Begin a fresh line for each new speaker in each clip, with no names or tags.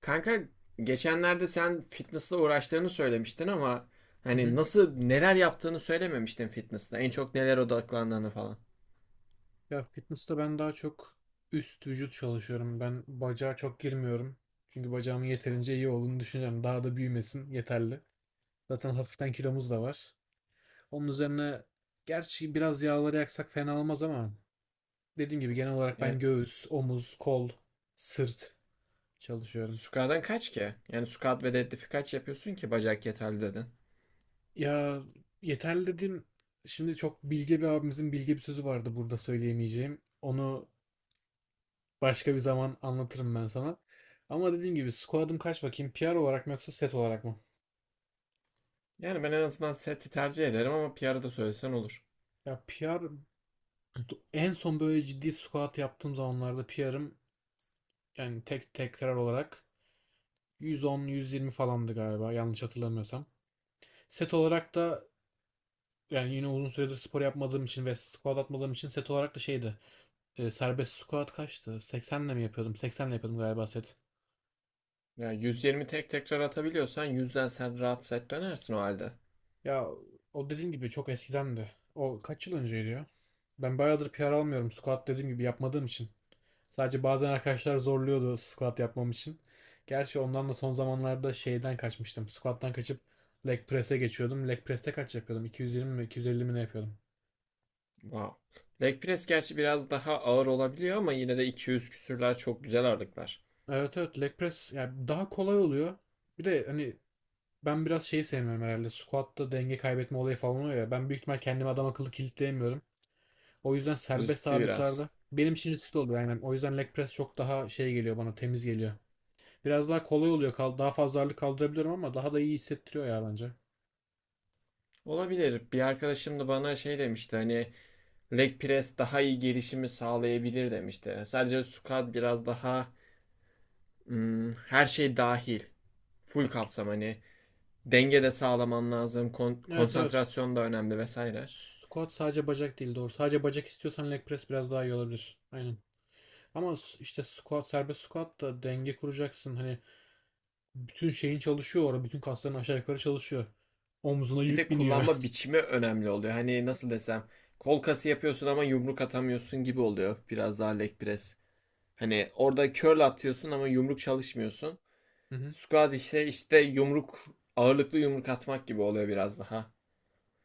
Kanka, geçenlerde sen fitness'la uğraştığını söylemiştin ama
Hı hı.
hani nasıl neler yaptığını söylememiştin fitness'ta. En çok neler odaklandığını falan.
Ya fitness'ta ben daha çok üst vücut çalışıyorum. Ben bacağa çok girmiyorum. Çünkü bacağımın yeterince iyi olduğunu düşünüyorum. Daha da büyümesin, yeterli. Zaten hafiften kilomuz da var. Onun üzerine gerçi biraz yağları yaksak fena olmaz ama dediğim gibi genel olarak ben
Yani
göğüs, omuz, kol, sırt çalışıyorum.
squat'tan kaç ki? Yani squat ve deadlift kaç yapıyorsun ki bacak yeterli dedin.
Ya yeterli dediğim, şimdi çok bilge bir abimizin bilge bir sözü vardı, burada söyleyemeyeceğim. Onu başka bir zaman anlatırım ben sana. Ama dediğim gibi squat'ım kaç bakayım? PR olarak mı yoksa set olarak mı?
Yani ben en azından seti tercih ederim ama PR'ı da söylesen olur.
Ya PR, en son böyle ciddi squat yaptığım zamanlarda PR'ım, yani tek tekrar olarak, 110-120 falandı galiba, yanlış hatırlamıyorsam. Set olarak da, yani yine uzun süredir spor yapmadığım için ve squat atmadığım için, set olarak da şeydi. Serbest squat kaçtı? 80'le mi yapıyordum? 80'le yapıyordum galiba set.
Ya yüz yirmi tek tekrar atabiliyorsan yüzden sen rahat set dönersin o halde.
Ya o dediğim gibi çok eskidendi. O kaç yıl önceydi ya? Ben bayağıdır PR almıyorum. Squat dediğim gibi yapmadığım için. Sadece bazen arkadaşlar zorluyordu squat yapmam için. Gerçi ondan da son zamanlarda şeyden kaçmıştım. Squat'tan kaçıp leg press'e geçiyordum. Leg press'te kaç yapıyordum? 220 mi 250 mi ne yapıyordum?
Wow. Leg press gerçi biraz daha ağır olabiliyor ama yine de 200 küsürler çok güzel ağırlıklar.
Evet, evet, leg press yani daha kolay oluyor. Bir de hani ben biraz şeyi sevmiyorum herhalde. Squat'ta denge kaybetme olayı falan oluyor ya. Ben büyük ihtimal kendimi adam akıllı kilitleyemiyorum. O yüzden serbest
Riskli biraz.
ağırlıklarda benim için riskli oluyor. Yani o yüzden leg press çok daha şey geliyor bana, temiz geliyor. Biraz daha kolay oluyor. Kal, daha fazla ağırlık kaldırabiliyorum ama daha da iyi hissettiriyor ya bence.
Olabilir. Bir arkadaşım da bana şey demişti, hani leg press daha iyi gelişimi sağlayabilir demişti. Sadece squat biraz daha her şey dahil. Full kapsam, hani denge de sağlaman lazım.
Evet, evet.
Konsantrasyon da önemli vesaire.
Squat sadece bacak değil, doğru. Sadece bacak istiyorsan leg press biraz daha iyi olabilir. Aynen. İşte squat, serbest squat da denge kuracaksın. Hani bütün şeyin çalışıyor orada. Bütün kasların aşağı yukarı çalışıyor. Omzuna
Bir de
yük biniyor.
kullanma biçimi önemli oluyor. Hani nasıl desem, kol kası yapıyorsun ama yumruk atamıyorsun gibi oluyor biraz daha leg press. Hani orada curl atıyorsun ama yumruk çalışmıyorsun.
Hı hı.
Squat işte yumruk ağırlıklı yumruk atmak gibi oluyor biraz daha.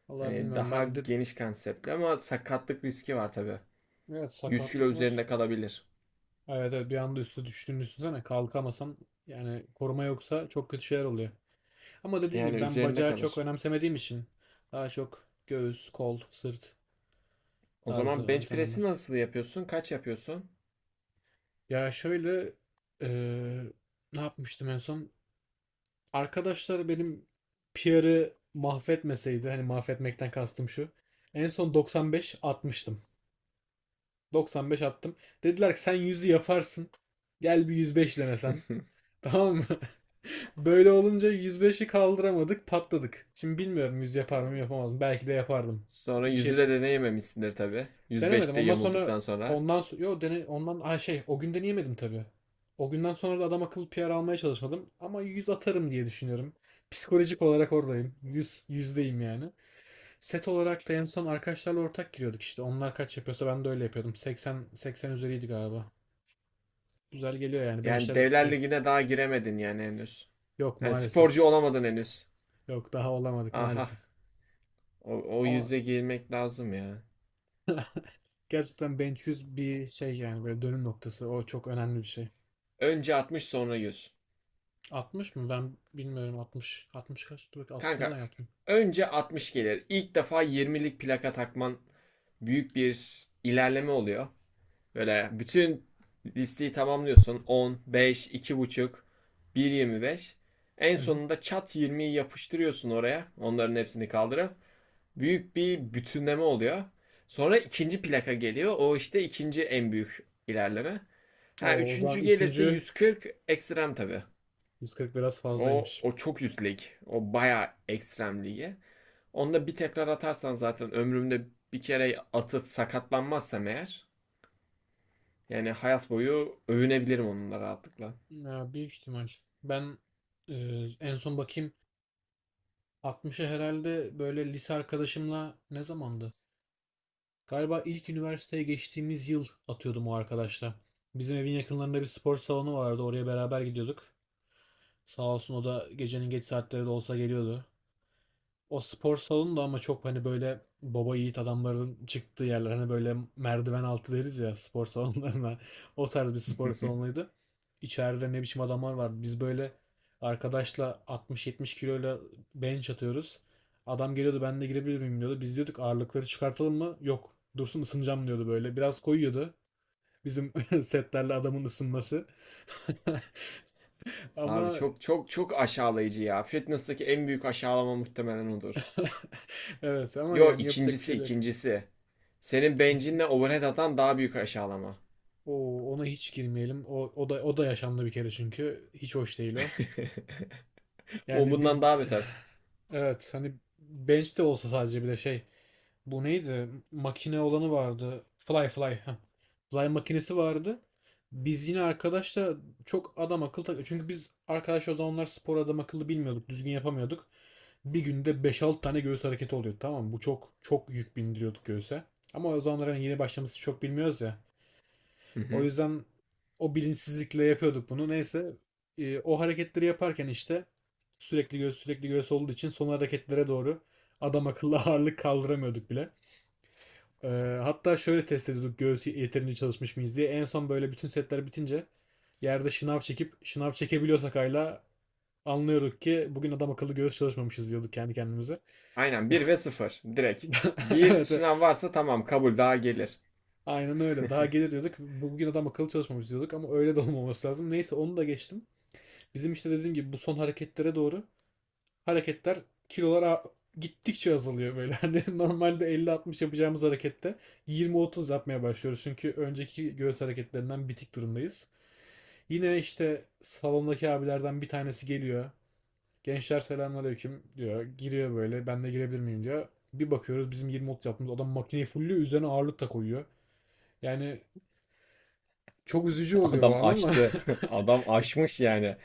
Vallahi
Hani
bilmiyorum.
daha
Ben de,
geniş konseptli ama sakatlık riski var tabii.
evet,
100 kilo
sakatlık
üzerinde
var.
kalabilir.
Evet, evet, bir anda üstü düştüğünü düşünsene, kalkamasan, yani koruma yoksa çok kötü şeyler oluyor. Ama dediğim
Yani
gibi ben
üzerinde
bacağı çok
kalır.
önemsemediğim için daha çok göğüs, kol, sırt
O zaman
tarzı
bench press'i
antrenmanlar.
nasıl yapıyorsun? Kaç yapıyorsun?
Ya şöyle, eee, ne yapmıştım en son? Arkadaşlar benim PR'ı mahvetmeseydi, hani mahvetmekten kastım şu. En son 95 atmıştım. 95 attım. Dediler ki sen 100'ü yaparsın. Gel bir 105 denesen. Tamam mı? Böyle olunca 105'i kaldıramadık, patladık. Şimdi bilmiyorum 100 yapar mı yapamaz mı. Belki de yapardım.
Sonra
Bir şey
yüzü de deneyememişsindir tabii,
denemedim.
105'te
Ondan sonra,
yamulduktan sonra.
yo dene ondan ay şey, o gün deneyemedim tabii. O günden sonra da adam akıllı PR almaya çalışmadım ama 100 atarım diye düşünüyorum. Psikolojik olarak oradayım. Yüz yüzdeyim yani. Set olarak da en son arkadaşlarla ortak giriyorduk işte. Onlar kaç yapıyorsa ben de öyle yapıyordum. 80, 80 üzeriydi galiba. Güzel geliyor yani
Yani
benchler,
Devler
şey,
Ligi'ne daha giremedin yani henüz.
yok
Yani sporcu
maalesef.
olamadın henüz.
Yok, daha olamadık
Aha.
maalesef.
O
Ama
yüze girmek lazım ya.
gerçekten benchüz bir şey, yani böyle dönüm noktası. O çok önemli bir şey.
Önce 60, sonra 100.
60 mı? Ben bilmiyorum 60. 60 kaç? Dur bakayım, 60 ne
Kanka,
zaman yaptım?
önce 60 gelir. İlk defa 20'lik plaka takman büyük bir ilerleme oluyor. Böyle bütün listeyi tamamlıyorsun. 10, 5, 2,5, 1,25. En
Hı hı.
sonunda çat 20'yi yapıştırıyorsun oraya, onların hepsini kaldırıp. Büyük bir bütünleme oluyor. Sonra ikinci plaka geliyor. O işte ikinci en büyük ilerleme. Ha
Oo, o zaman
üçüncü gelirse
3.
140, ekstrem tabii.
140 biraz
O
fazlaymış.
o çok üst, o bayağı ekstrem ligi. Onda bir tekrar atarsan zaten, ömrümde bir kere atıp sakatlanmazsam eğer, yani hayat boyu övünebilirim onunla rahatlıkla.
Ya, büyük ihtimal. Ben, e, en son bakayım, 60'a herhalde, böyle lise arkadaşımla, ne zamandı? Galiba ilk üniversiteye geçtiğimiz yıl atıyordum o arkadaşla. Bizim evin yakınlarında bir spor salonu vardı. Oraya beraber gidiyorduk. Sağ olsun, o da gecenin geç saatleri de olsa geliyordu. O spor salonu da ama çok, hani böyle baba yiğit adamların çıktığı yerler, hani böyle merdiven altı deriz ya spor salonlarına, o tarz bir spor salonuydu. İçeride ne biçim adamlar var. Biz böyle arkadaşla 60-70 kiloyla bench atıyoruz. Adam geliyordu, ben de girebilir miyim diyordu. Biz diyorduk, ağırlıkları çıkartalım mı? Yok, dursun, ısınacağım diyordu böyle. Biraz koyuyordu. Bizim setlerle adamın ısınması.
Abi,
Ama
çok çok çok aşağılayıcı ya. Fitness'taki en büyük aşağılama muhtemelen odur.
evet, ama
Yo,
yani yapacak bir
ikincisi
şey de
ikincisi. Senin
yok.
bencinle overhead atan daha büyük aşağılama.
O ona hiç girmeyelim. O da o da yaşandı bir kere, çünkü hiç hoş değil o.
O
Yani
bundan
biz
daha beter.
evet, hani bench de olsa, sadece bir de şey, bu neydi? Makine olanı vardı. Fly. Fly makinesi vardı. Biz yine arkadaşlar çok adam akıllı çünkü biz arkadaş o zamanlar spor adam akıllı bilmiyorduk. Düzgün yapamıyorduk. Bir günde beş, 6 tane göğüs hareketi oluyordu, tamam mı? Bu çok çok yük bindiriyorduk göğüse. Ama o zamanlar hani yeni başlaması, çok bilmiyoruz ya.
Hı
O
hı.
yüzden o bilinçsizlikle yapıyorduk bunu. Neyse, o hareketleri yaparken işte sürekli göğüs, sürekli göğüs olduğu için son hareketlere doğru adam akıllı ağırlık kaldıramıyorduk bile. E, hatta şöyle test ediyorduk göğüs yeterince çalışmış mıyız diye. En son böyle bütün setler bitince yerde şınav çekip, şınav çekebiliyorsak hala, anlıyorduk ki bugün adam akıllı göğüs çalışmamışız, diyorduk kendi kendimize.
Aynen, bir ve sıfır direkt. Bir
Evet, evet.
şınav varsa tamam, kabul, daha gelir.
Aynen öyle. Daha gelir diyorduk. Bugün adam akıllı çalışmamışız diyorduk, ama öyle de olmaması lazım. Neyse onu da geçtim. Bizim işte dediğim gibi bu son hareketlere doğru hareketler, kilolar gittikçe azalıyor böyle. Hani normalde 50-60 yapacağımız harekette 20-30 yapmaya başlıyoruz. Çünkü önceki göğüs hareketlerinden bitik durumdayız. Yine işte salondaki abilerden bir tanesi geliyor. Gençler selamünaleyküm diyor. Giriyor böyle. Ben de girebilir miyim diyor. Bir bakıyoruz bizim 20-30 yaptığımız adam makineyi fullüyor. Üzerine ağırlık da koyuyor. Yani çok üzücü oluyor o
Adam
an, ama
açtı. Adam aşmış yani.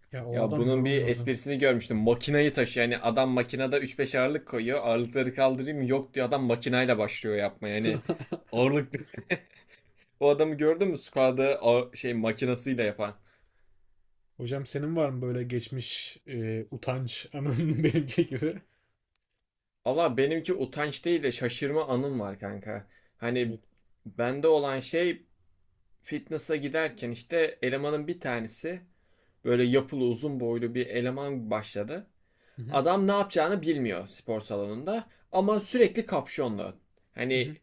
ya o
Ya
adam
bunun bir
yorulmuyordu.
esprisini görmüştüm. Makinayı taşı, yani adam makinede üç beş ağırlık koyuyor. Ağırlıkları kaldırayım mı? Yok, diyor. Adam makinayla başlıyor yapmaya. Yani ağırlık, o adamı gördün mü? Şey makinasıyla yapan.
Hocam senin var mı böyle geçmiş, utanç anın benimki gibi?
Valla benimki utanç değil de şaşırma anım var kanka. Hani
Evet.
bende olan şey, fitness'a giderken işte elemanın bir tanesi, böyle yapılı uzun boylu bir eleman başladı.
Hı hı,
Adam ne yapacağını bilmiyor spor salonunda ama sürekli kapşonlu.
hı
Hani
hı,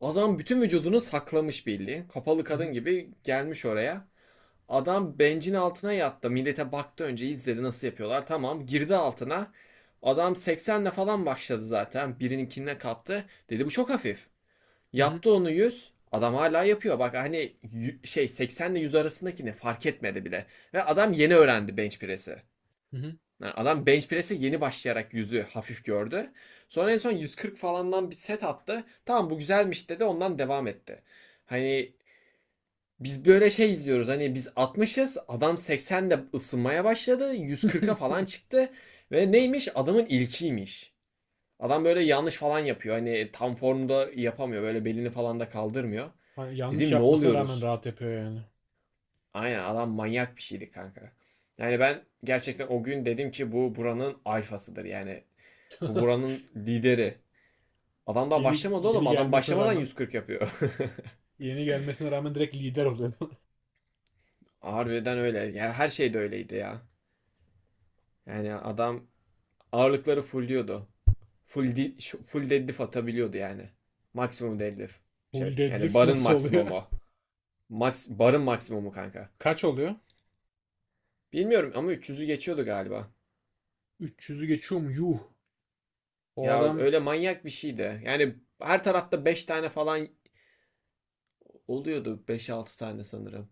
adam bütün vücudunu saklamış, belli. Kapalı
hı
kadın
hı,
gibi gelmiş oraya. Adam bencin altına yattı. Millete baktı, önce izledi nasıl yapıyorlar. Tamam, girdi altına. Adam 80'le falan başladı zaten. Birininkine kaptı, dedi bu çok hafif.
hı hı,
Yaptı onu 100, adam hala yapıyor. Bak, hani şey, 80 ile 100 arasındaki ne fark etmedi bile. Ve adam yeni öğrendi bench press'i.
hı hı.
Yani adam bench press'e yeni başlayarak yüzü hafif gördü. Sonra en son 140 falandan bir set attı. Tamam, bu güzelmiş dedi, ondan devam etti. Hani biz böyle şey izliyoruz. Hani biz 60'ız, adam 80'de ısınmaya başladı, 140'a falan çıktı. Ve neymiş? Adamın ilkiymiş. Adam böyle yanlış falan yapıyor, hani tam formda yapamıyor, böyle belini falan da kaldırmıyor.
Hani yanlış
Dedim ne
yapmasına rağmen
oluyoruz?
rahat yapıyor yani.
Aynen, adam manyak bir şeydi kanka. Yani ben gerçekten o gün dedim ki bu buranın alfasıdır. Yani bu buranın lideri. Adam daha
Yeni
başlamadı oğlum.
yeni
Adam
gelmesine
başlamadan
rağmen,
140 yapıyor.
yeni gelmesine rağmen direkt lider oluyor.
Harbiden öyle. Yani her şey de öyleydi ya. Yani adam ağırlıkları fullliyordu. Full, di- Full deadlift atabiliyordu yani. Maksimum deadlift.
Full
Şey, yani
deadlift
barın
nasıl oluyor?
maksimumu. Max, barın maksimumu kanka.
Kaç oluyor?
Bilmiyorum ama 300'ü geçiyordu galiba.
300'ü geçiyor mu? Yuh. O
Ya
adam
öyle manyak bir şeydi. Yani her tarafta 5 tane falan oluyordu, beş altı tane sanırım.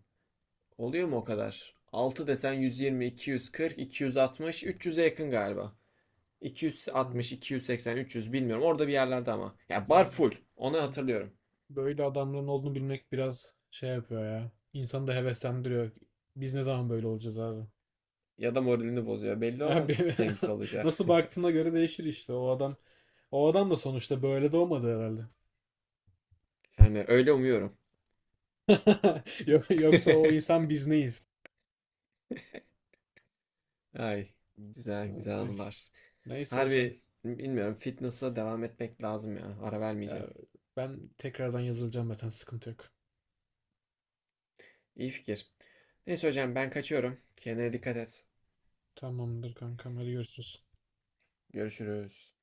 Oluyor mu o kadar? 6 desen 120, 240, 260, 300'e yakın galiba. 260,
varmış.
280, 300, bilmiyorum. Orada bir yerlerde ama. Ya bar
Abi,
full, onu hatırlıyorum.
böyle adamların olduğunu bilmek biraz şey yapıyor ya. İnsanı da heveslendiriyor. Biz ne zaman böyle olacağız abi?
Ya da moralini bozuyor, belli
Ya
olmaz
be-
hangisi olacağı.
nasıl baktığına göre değişir işte. O adam, o adam da sonuçta böyle doğmadı herhalde.
Yani öyle umuyorum.
Yoksa o insan, biz neyiz?
Ay, güzel güzel
Ay,
anılar.
neyse hocam.
Harbi bilmiyorum, fitness'a devam etmek lazım ya. Ara vermeyeceğim.
Ya ben tekrardan yazılacağım, zaten sıkıntı yok.
İyi fikir. Neyse hocam, ben kaçıyorum. Kendine dikkat et.
Tamamdır kankam, hadi görüşürüz.
Görüşürüz.